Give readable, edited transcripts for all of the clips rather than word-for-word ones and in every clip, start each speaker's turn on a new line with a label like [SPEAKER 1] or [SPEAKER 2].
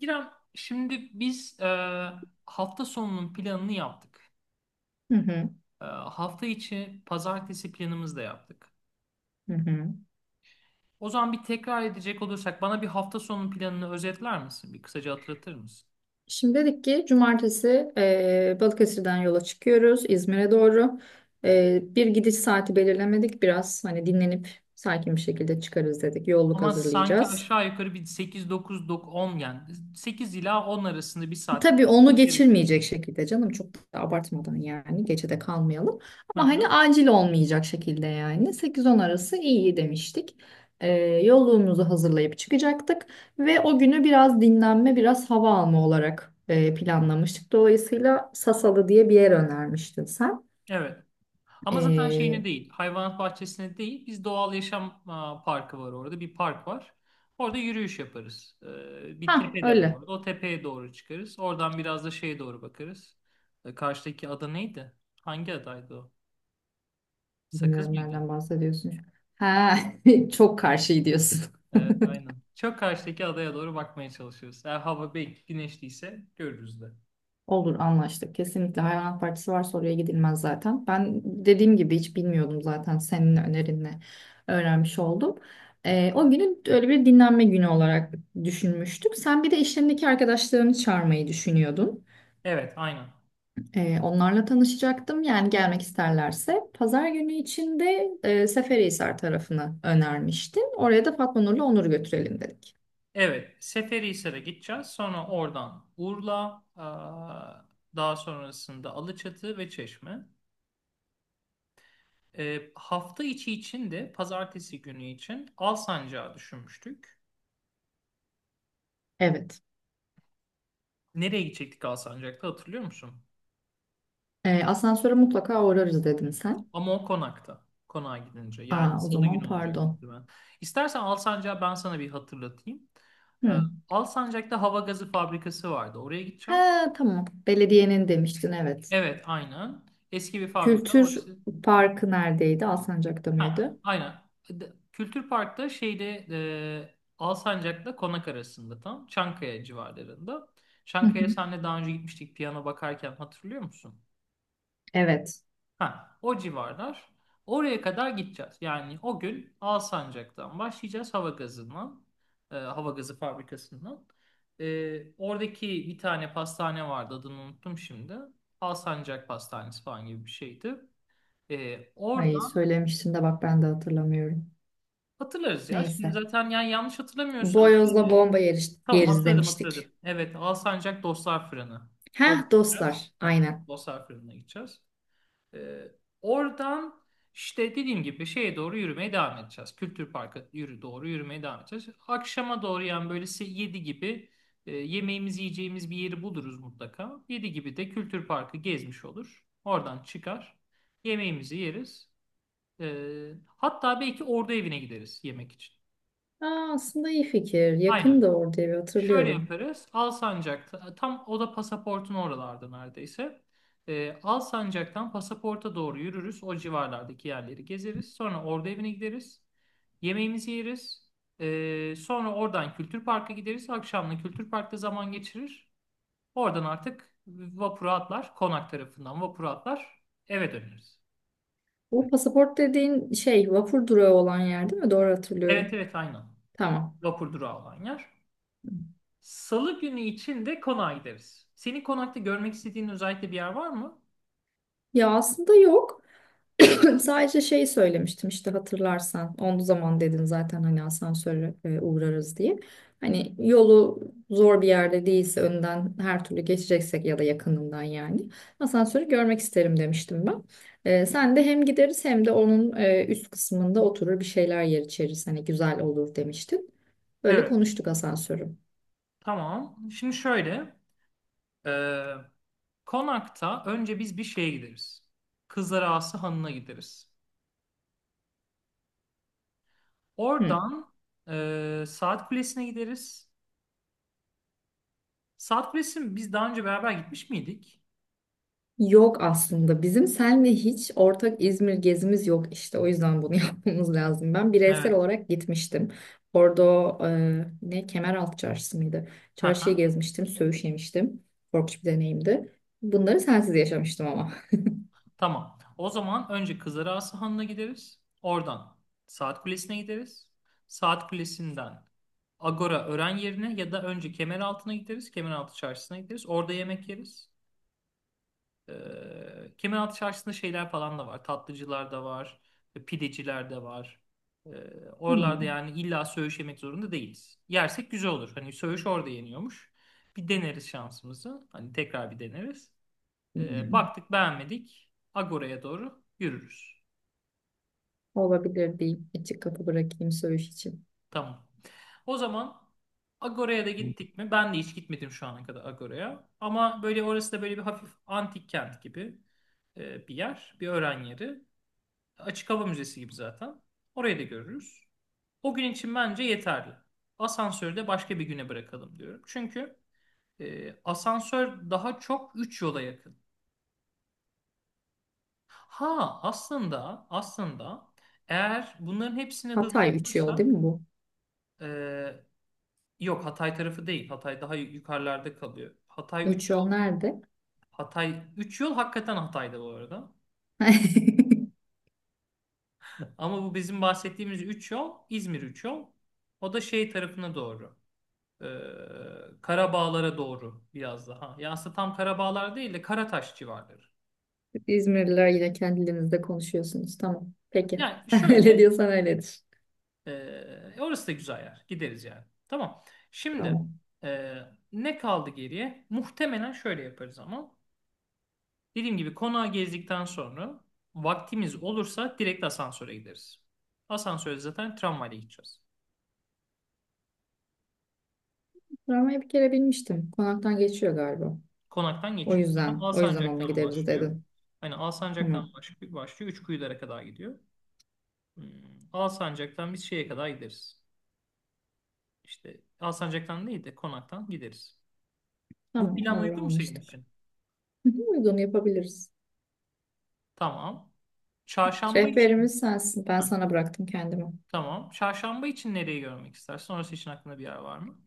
[SPEAKER 1] İrem, şimdi biz hafta sonunun planını yaptık.
[SPEAKER 2] Hı hı,
[SPEAKER 1] Hafta içi pazartesi planımızı da yaptık.
[SPEAKER 2] hı hı.
[SPEAKER 1] O zaman bir tekrar edecek olursak bana bir hafta sonunun planını özetler misin? Bir kısaca hatırlatır mısın?
[SPEAKER 2] Şimdi dedik ki cumartesi Balıkesir'den yola çıkıyoruz İzmir'e doğru. E, bir gidiş saati belirlemedik. Biraz hani dinlenip sakin bir şekilde çıkarız dedik. Yolluk
[SPEAKER 1] Ama sanki
[SPEAKER 2] hazırlayacağız.
[SPEAKER 1] aşağı yukarı bir 8, 9, 10 yani 8 ila 10 arasında bir saatte
[SPEAKER 2] Tabii onu
[SPEAKER 1] çıkmamız gerekiyor.
[SPEAKER 2] geçirmeyecek şekilde canım çok da abartmadan yani gecede kalmayalım. Ama hani acil olmayacak şekilde yani 8-10 arası iyi demiştik. Ee, yolluğumuzu hazırlayıp çıkacaktık ve o günü biraz dinlenme biraz hava alma olarak planlamıştık. Dolayısıyla Sasalı diye bir yer önermiştin sen.
[SPEAKER 1] Evet. Ama zaten şeyine
[SPEAKER 2] Ee,
[SPEAKER 1] değil, hayvanat bahçesine değil, biz doğal yaşam parkı var orada, bir park var. Orada yürüyüş yaparız. Bir
[SPEAKER 2] ha
[SPEAKER 1] tepe de var
[SPEAKER 2] öyle.
[SPEAKER 1] orada. O tepeye doğru çıkarız. Oradan biraz da şeye doğru bakarız. Karşıdaki ada neydi? Hangi adaydı o? Sakız
[SPEAKER 2] Bilmiyorum
[SPEAKER 1] mıydı?
[SPEAKER 2] nereden bahsediyorsun. Ha çok karşı diyorsun.
[SPEAKER 1] Evet, aynen. Çok karşıdaki adaya doğru bakmaya çalışıyoruz. Eğer hava belki güneşliyse görürüz de.
[SPEAKER 2] Olur anlaştık. Kesinlikle hayvanat bahçesi varsa oraya gidilmez zaten. Ben dediğim gibi hiç bilmiyordum zaten senin önerinle öğrenmiş oldum. O günü öyle bir dinlenme günü olarak düşünmüştük. Sen bir de işlerindeki arkadaşlarını çağırmayı düşünüyordun.
[SPEAKER 1] Evet, aynen.
[SPEAKER 2] Onlarla tanışacaktım. Yani gelmek isterlerse. Pazar günü içinde Seferihisar tarafını önermiştin. Oraya da Fatma Nur'la Onur'u götürelim dedik.
[SPEAKER 1] Evet, Seferihisar'a gideceğiz. Sonra oradan Urla, daha sonrasında Alaçatı ve Çeşme. Hafta içi için de pazartesi günü için Alsancak'ı düşünmüştük.
[SPEAKER 2] Evet.
[SPEAKER 1] Nereye gidecektik Alsancak'ta hatırlıyor musun?
[SPEAKER 2] Asansöre mutlaka uğrarız dedim sen.
[SPEAKER 1] Ama o konakta. Konağa gidince. Yani
[SPEAKER 2] Aa, o
[SPEAKER 1] salı
[SPEAKER 2] zaman
[SPEAKER 1] günü olacak
[SPEAKER 2] pardon.
[SPEAKER 1] muhtemelen. İstersen Alsancak'ı ben sana bir hatırlatayım. Ee,
[SPEAKER 2] Hı.
[SPEAKER 1] Alsancak'ta hava gazı fabrikası vardı. Oraya gideceğiz.
[SPEAKER 2] Ha, tamam. Belediyenin demiştin evet.
[SPEAKER 1] Evet, aynen. Eski bir fabrika.
[SPEAKER 2] Kültür
[SPEAKER 1] Orası.
[SPEAKER 2] Parkı neredeydi? Alsancak'ta
[SPEAKER 1] Ha,
[SPEAKER 2] mıydı?
[SPEAKER 1] aynen. Kültür Park'ta şeyde Alsancak'la Konak arasında tam Çankaya civarlarında.
[SPEAKER 2] Hı
[SPEAKER 1] Çankaya
[SPEAKER 2] hı.
[SPEAKER 1] senle daha önce gitmiştik piyano bakarken hatırlıyor musun?
[SPEAKER 2] Evet.
[SPEAKER 1] Ha, o civarlar. Oraya kadar gideceğiz. Yani o gün Alsancak'tan başlayacağız hava gazından, hava gazı fabrikasından. Oradaki bir tane pastane vardı adını unuttum şimdi. Alsancak Pastanesi falan gibi bir şeydi. Orada.
[SPEAKER 2] Ay söylemiştin de bak ben de hatırlamıyorum.
[SPEAKER 1] Hatırlarız ya. Şimdi
[SPEAKER 2] Neyse.
[SPEAKER 1] zaten yani yanlış hatırlamıyorsam şeydi. Tamam,
[SPEAKER 2] Yeriz
[SPEAKER 1] hatırladım
[SPEAKER 2] demiştik.
[SPEAKER 1] hatırladım. Evet, Alsancak Dostlar Fırını. Oraya
[SPEAKER 2] Heh
[SPEAKER 1] gideceğiz.
[SPEAKER 2] dostlar.
[SPEAKER 1] Heh,
[SPEAKER 2] Aynen.
[SPEAKER 1] Dostlar Fırını'na gideceğiz. Ee, oradan işte dediğim gibi şeye doğru yürümeye devam edeceğiz. Kültür Park'a doğru yürümeye devam edeceğiz. Akşama doğru yani böyle 7 gibi yemeğimizi yiyeceğimiz bir yeri buluruz mutlaka. Yedi gibi de Kültür Park'ı gezmiş olur. Oradan çıkar. Yemeğimizi yeriz. Hatta belki orada evine gideriz yemek için.
[SPEAKER 2] Aa, aslında iyi fikir.
[SPEAKER 1] Aynen.
[SPEAKER 2] Yakın da orada evi
[SPEAKER 1] Şöyle
[SPEAKER 2] hatırlıyorum.
[SPEAKER 1] yaparız. Alsancak'ta tam o da pasaportun oralarda neredeyse. Alsancak'tan pasaporta doğru yürürüz. O civarlardaki yerleri gezeriz. Sonra orada evine gideriz. Yemeğimizi yeriz. Sonra oradan Kültür Park'a gideriz. Akşamla Kültür Park'ta zaman geçirir. Oradan artık vapura atlar. Konak tarafından vapura atlar. Eve döneriz.
[SPEAKER 2] Bu pasaport dediğin şey vapur durağı olan yer değil mi? Doğru
[SPEAKER 1] Evet,
[SPEAKER 2] hatırlıyorum.
[SPEAKER 1] evet, aynen.
[SPEAKER 2] Tamam.
[SPEAKER 1] Vapur durağı olan yer. Salı günü için de konağa gideriz. Senin konakta görmek istediğin özellikle bir yer var mı?
[SPEAKER 2] Ya aslında yok. Sadece şey söylemiştim işte hatırlarsan. Onu zaman dedin zaten hani asansörle uğrarız diye. Hani yolu zor bir yerde değilse önden her türlü geçeceksek ya da yakınından yani asansörü görmek isterim demiştim ben. E, sen de hem gideriz hem de onun üst kısmında oturur bir şeyler yer içeriz. Hani güzel olur demiştin. Öyle
[SPEAKER 1] Evet.
[SPEAKER 2] konuştuk asansörü.
[SPEAKER 1] Tamam. Şimdi şöyle. e, konakta önce biz bir şeye gideriz. Kızlar Ağası Hanı'na gideriz.
[SPEAKER 2] Hı.
[SPEAKER 1] Oradan Saat Kulesi'ne gideriz. Saat Kulesi'ne biz daha önce beraber gitmiş miydik?
[SPEAKER 2] Yok aslında. Bizim seninle hiç ortak İzmir gezimiz yok işte. O yüzden bunu yapmamız lazım. Ben
[SPEAKER 1] Evet.
[SPEAKER 2] bireysel olarak gitmiştim. Orada ne Kemeraltı Çarşısı mıydı?
[SPEAKER 1] Hı
[SPEAKER 2] Çarşıyı
[SPEAKER 1] hı.
[SPEAKER 2] gezmiştim, söğüş yemiştim. Korkunç bir deneyimdi. Bunları sensiz yaşamıştım ama.
[SPEAKER 1] Tamam. O zaman önce Kızarası Hanı'na gideriz. Oradan Saat Kulesi'ne gideriz. Saat Kulesi'nden Agora Ören yerine ya da önce Kemeraltı'na gideriz. Kemeraltı Çarşısı'na gideriz. Orada yemek yeriz. Kemeraltı Çarşısı'nda şeyler falan da var. Tatlıcılar da var. Pideciler de var. Ee, oralarda
[SPEAKER 2] Hmm.
[SPEAKER 1] yani illa söğüş yemek zorunda değiliz. Yersek güzel olur. Hani söğüş orada yeniyormuş. Bir deneriz şansımızı. Hani tekrar bir deneriz. Baktık beğenmedik. Agora'ya doğru yürürüz.
[SPEAKER 2] Olabilir diyeyim. Açık kapı bırakayım söğüş için.
[SPEAKER 1] Tamam. O zaman Agora'ya da gittik mi? Ben de hiç gitmedim şu ana kadar Agora'ya. Ama böyle orası da böyle bir hafif antik kent gibi bir yer. Bir öğren yeri. Açık hava müzesi gibi zaten. Orayı da görürüz. O gün için bence yeterli. Asansörü de başka bir güne bırakalım diyorum. Çünkü asansör daha çok 3 yola yakın. Ha, aslında eğer bunların hepsini hızlı
[SPEAKER 2] Hatay 3 yol değil
[SPEAKER 1] yaparsak
[SPEAKER 2] mi bu?
[SPEAKER 1] e, yok, Hatay tarafı değil. Hatay daha yukarılarda kalıyor. Hatay
[SPEAKER 2] 3
[SPEAKER 1] üç
[SPEAKER 2] yol
[SPEAKER 1] yol.
[SPEAKER 2] nerede?
[SPEAKER 1] Hatay üç yol hakikaten Hatay'da bu arada. Ama bu bizim bahsettiğimiz 3 yol İzmir 3 yol. O da şey tarafına doğru. E, Karabağlara doğru biraz daha. Ya aslında tam Karabağlar değil de Karataş civarları.
[SPEAKER 2] İzmirliler yine kendilerinizde konuşuyorsunuz. Tamam. Peki.
[SPEAKER 1] Yani
[SPEAKER 2] Öyle
[SPEAKER 1] şöyle.
[SPEAKER 2] diyorsan öyledir.
[SPEAKER 1] Orası da güzel yer. Gideriz yani. Tamam. Şimdi
[SPEAKER 2] Tamam.
[SPEAKER 1] e, ne kaldı geriye? Muhtemelen şöyle yaparız ama. Dediğim gibi konağı gezdikten sonra vaktimiz olursa direkt asansöre gideriz. Asansöre zaten tramvayla gideceğiz.
[SPEAKER 2] Travmayı bir kere bilmiştim. Konaktan geçiyor galiba.
[SPEAKER 1] Konaktan
[SPEAKER 2] O
[SPEAKER 1] geçiyor. Aha,
[SPEAKER 2] yüzden, o yüzden onunla
[SPEAKER 1] Alsancak'tan
[SPEAKER 2] gideriz
[SPEAKER 1] başlıyor.
[SPEAKER 2] dedin.
[SPEAKER 1] Hani Alsancak'tan
[SPEAKER 2] Tamam,
[SPEAKER 1] başlıyor. Üçkuyulara kadar gidiyor. Hmm, Alsancak'tan biz şeye kadar gideriz. İşte Alsancak'tan değil de konaktan gideriz. Bu
[SPEAKER 2] tamam
[SPEAKER 1] plan
[SPEAKER 2] olur
[SPEAKER 1] uygun mu senin
[SPEAKER 2] anlaştık.
[SPEAKER 1] için?
[SPEAKER 2] Hı hı, uygun yapabiliriz.
[SPEAKER 1] Tamam. Çarşamba için.
[SPEAKER 2] Rehberimiz sensin. Ben
[SPEAKER 1] Ha,
[SPEAKER 2] sana bıraktım kendimi.
[SPEAKER 1] tamam. Çarşamba için nereyi görmek istersin? Orası için aklında bir yer var mı?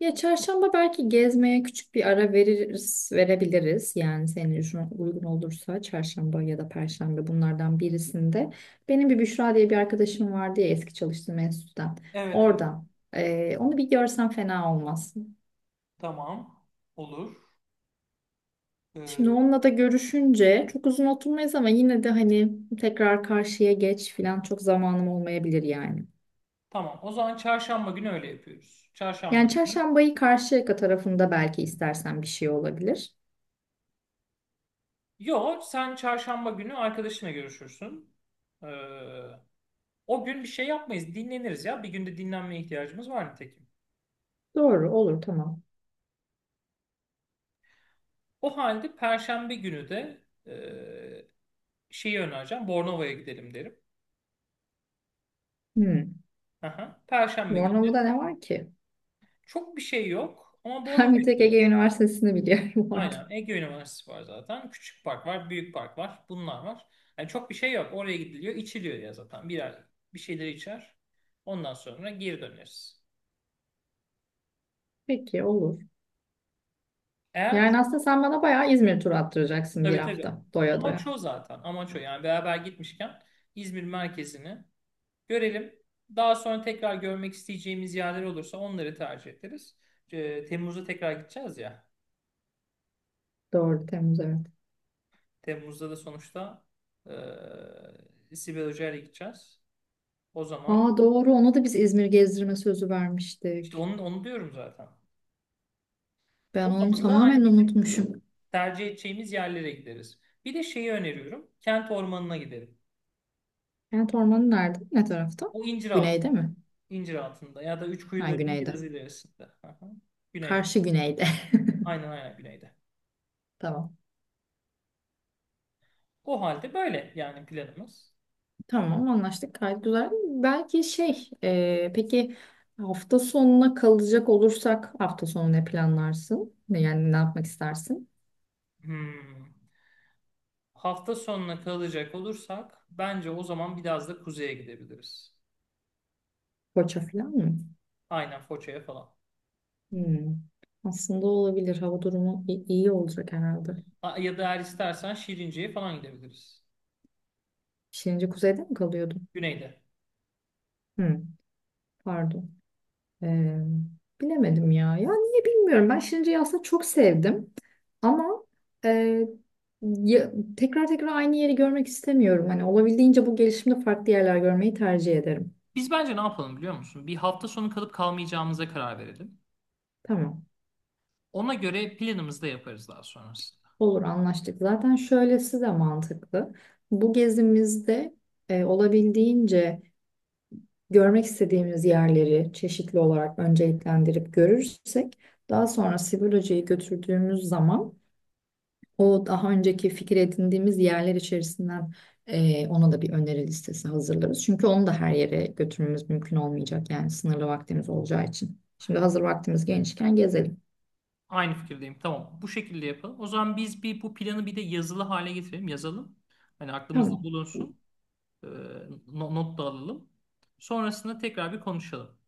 [SPEAKER 2] Ya çarşamba belki gezmeye küçük bir ara verebiliriz. Yani senin için uygun olursa çarşamba ya da perşembe bunlardan birisinde. Benim bir Büşra diye bir arkadaşım vardı ya eski çalıştığım enstitüden.
[SPEAKER 1] Evet, evet.
[SPEAKER 2] Orada. Onu bir görsen fena olmaz.
[SPEAKER 1] Tamam. Olur.
[SPEAKER 2] Şimdi
[SPEAKER 1] Ee,
[SPEAKER 2] onunla da görüşünce çok uzun oturmayız ama yine de hani tekrar karşıya geç falan çok zamanım olmayabilir yani.
[SPEAKER 1] tamam. O zaman çarşamba günü öyle yapıyoruz. Çarşamba
[SPEAKER 2] Yani
[SPEAKER 1] günü.
[SPEAKER 2] çarşambayı Karşıyaka tarafında belki istersen bir şey olabilir.
[SPEAKER 1] Yo, sen çarşamba günü arkadaşına görüşürsün. Ee, o gün bir şey yapmayız. Dinleniriz ya. Bir günde dinlenmeye ihtiyacımız var nitekim.
[SPEAKER 2] Doğru olur tamam.
[SPEAKER 1] O halde perşembe günü de şeyi önereceğim. Bornova'ya gidelim derim.
[SPEAKER 2] Hmm.
[SPEAKER 1] Aha. Perşembe günü de.
[SPEAKER 2] Bornova'da ne var ki?
[SPEAKER 1] Çok bir şey yok ama
[SPEAKER 2] Ben bir
[SPEAKER 1] Bornova'yı da
[SPEAKER 2] tek Ege
[SPEAKER 1] görür.
[SPEAKER 2] Üniversitesi'ni biliyorum orada.
[SPEAKER 1] Aynen. Ege Üniversitesi var zaten. Küçük park var, büyük park var. Bunlar var. Yani çok bir şey yok. Oraya gidiliyor, içiliyor ya zaten. Birer bir şeyleri içer. Ondan sonra geri döneriz.
[SPEAKER 2] Peki olur.
[SPEAKER 1] Eğer
[SPEAKER 2] Yani aslında sen bana bayağı İzmir turu attıracaksın bir
[SPEAKER 1] tabii, tabii.
[SPEAKER 2] hafta doya
[SPEAKER 1] Amaç
[SPEAKER 2] doya.
[SPEAKER 1] o zaten. Amaç o. Yani beraber gitmişken İzmir merkezini görelim. Daha sonra tekrar görmek isteyeceğimiz yerler olursa onları tercih ederiz. Temmuz'da tekrar gideceğiz ya.
[SPEAKER 2] Doğru Temmuz evet.
[SPEAKER 1] Temmuz'da da sonuçta Sibel Hoca'yla gideceğiz. O zaman
[SPEAKER 2] Aa doğru ona da biz İzmir gezdirme sözü
[SPEAKER 1] işte
[SPEAKER 2] vermiştik.
[SPEAKER 1] onu diyorum zaten.
[SPEAKER 2] Ben
[SPEAKER 1] O
[SPEAKER 2] onu
[SPEAKER 1] zaman da
[SPEAKER 2] tamamen
[SPEAKER 1] hani bizim
[SPEAKER 2] unutmuşum.
[SPEAKER 1] tercih edeceğimiz yerlere gideriz. Bir de şeyi öneriyorum. Kent ormanına gidelim.
[SPEAKER 2] Kent ormanı nerede? Ne tarafta?
[SPEAKER 1] O incir
[SPEAKER 2] Güneyde
[SPEAKER 1] altında.
[SPEAKER 2] mi?
[SPEAKER 1] İncir altında ya da üç
[SPEAKER 2] Ha
[SPEAKER 1] kuyuların
[SPEAKER 2] güneyde.
[SPEAKER 1] biraz ilerisinde. Aha. Güneyde.
[SPEAKER 2] Karşı güneyde.
[SPEAKER 1] Aynen aynen güneyde.
[SPEAKER 2] Tamam.
[SPEAKER 1] O halde böyle yani planımız.
[SPEAKER 2] Tamam anlaştık. Gayet güzel. Belki peki hafta sonuna kalacak olursak hafta sonu ne planlarsın? Yani ne yapmak istersin?
[SPEAKER 1] Hmm. Hafta sonuna kalacak olursak bence o zaman biraz da kuzeye gidebiliriz.
[SPEAKER 2] Koça falan mı?
[SPEAKER 1] Aynen Foça'ya falan.
[SPEAKER 2] Hmm. Aslında olabilir. Hava durumu iyi olacak herhalde.
[SPEAKER 1] Ya da eğer istersen Şirince'ye falan gidebiliriz.
[SPEAKER 2] Şirince kuzeyde mi kalıyordun?
[SPEAKER 1] Güneyde.
[SPEAKER 2] Hmm. Pardon. Ee, bilemedim ya. Ya niye bilmiyorum. Ben Şirince'yi aslında çok sevdim. Ama e, ya- tekrar tekrar aynı yeri görmek istemiyorum. Hani olabildiğince bu gelişimde farklı yerler görmeyi tercih ederim.
[SPEAKER 1] Biz bence ne yapalım biliyor musun? Bir hafta sonu kalıp kalmayacağımıza karar verelim.
[SPEAKER 2] Tamam.
[SPEAKER 1] Ona göre planımızı da yaparız daha sonrasında.
[SPEAKER 2] Olur anlaştık. Zaten şöylesi de mantıklı. Bu gezimizde olabildiğince görmek istediğimiz yerleri çeşitli olarak önceliklendirip görürsek daha sonra Sivil götürdüğümüz zaman o daha önceki fikir edindiğimiz yerler içerisinden ona da bir öneri listesi hazırlarız. Çünkü onu da her yere götürmemiz mümkün olmayacak. Yani sınırlı vaktimiz olacağı için. Şimdi hazır vaktimiz genişken gezelim.
[SPEAKER 1] Aynı fikirdeyim. Tamam. Bu şekilde yapalım. O zaman biz bir bu planı bir de yazılı hale getirelim. Yazalım. Hani aklımızda
[SPEAKER 2] Tamam.
[SPEAKER 1] bulunsun. Ee, not da alalım. Sonrasında tekrar bir konuşalım.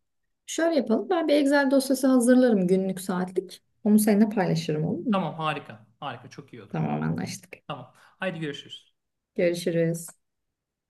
[SPEAKER 2] Şöyle yapalım. Ben bir Excel dosyası hazırlarım günlük saatlik. Onu seninle paylaşırım olur mu?
[SPEAKER 1] Tamam, harika. Harika, çok iyi olur.
[SPEAKER 2] Tamam anlaştık.
[SPEAKER 1] Tamam. Haydi görüşürüz.
[SPEAKER 2] Görüşürüz.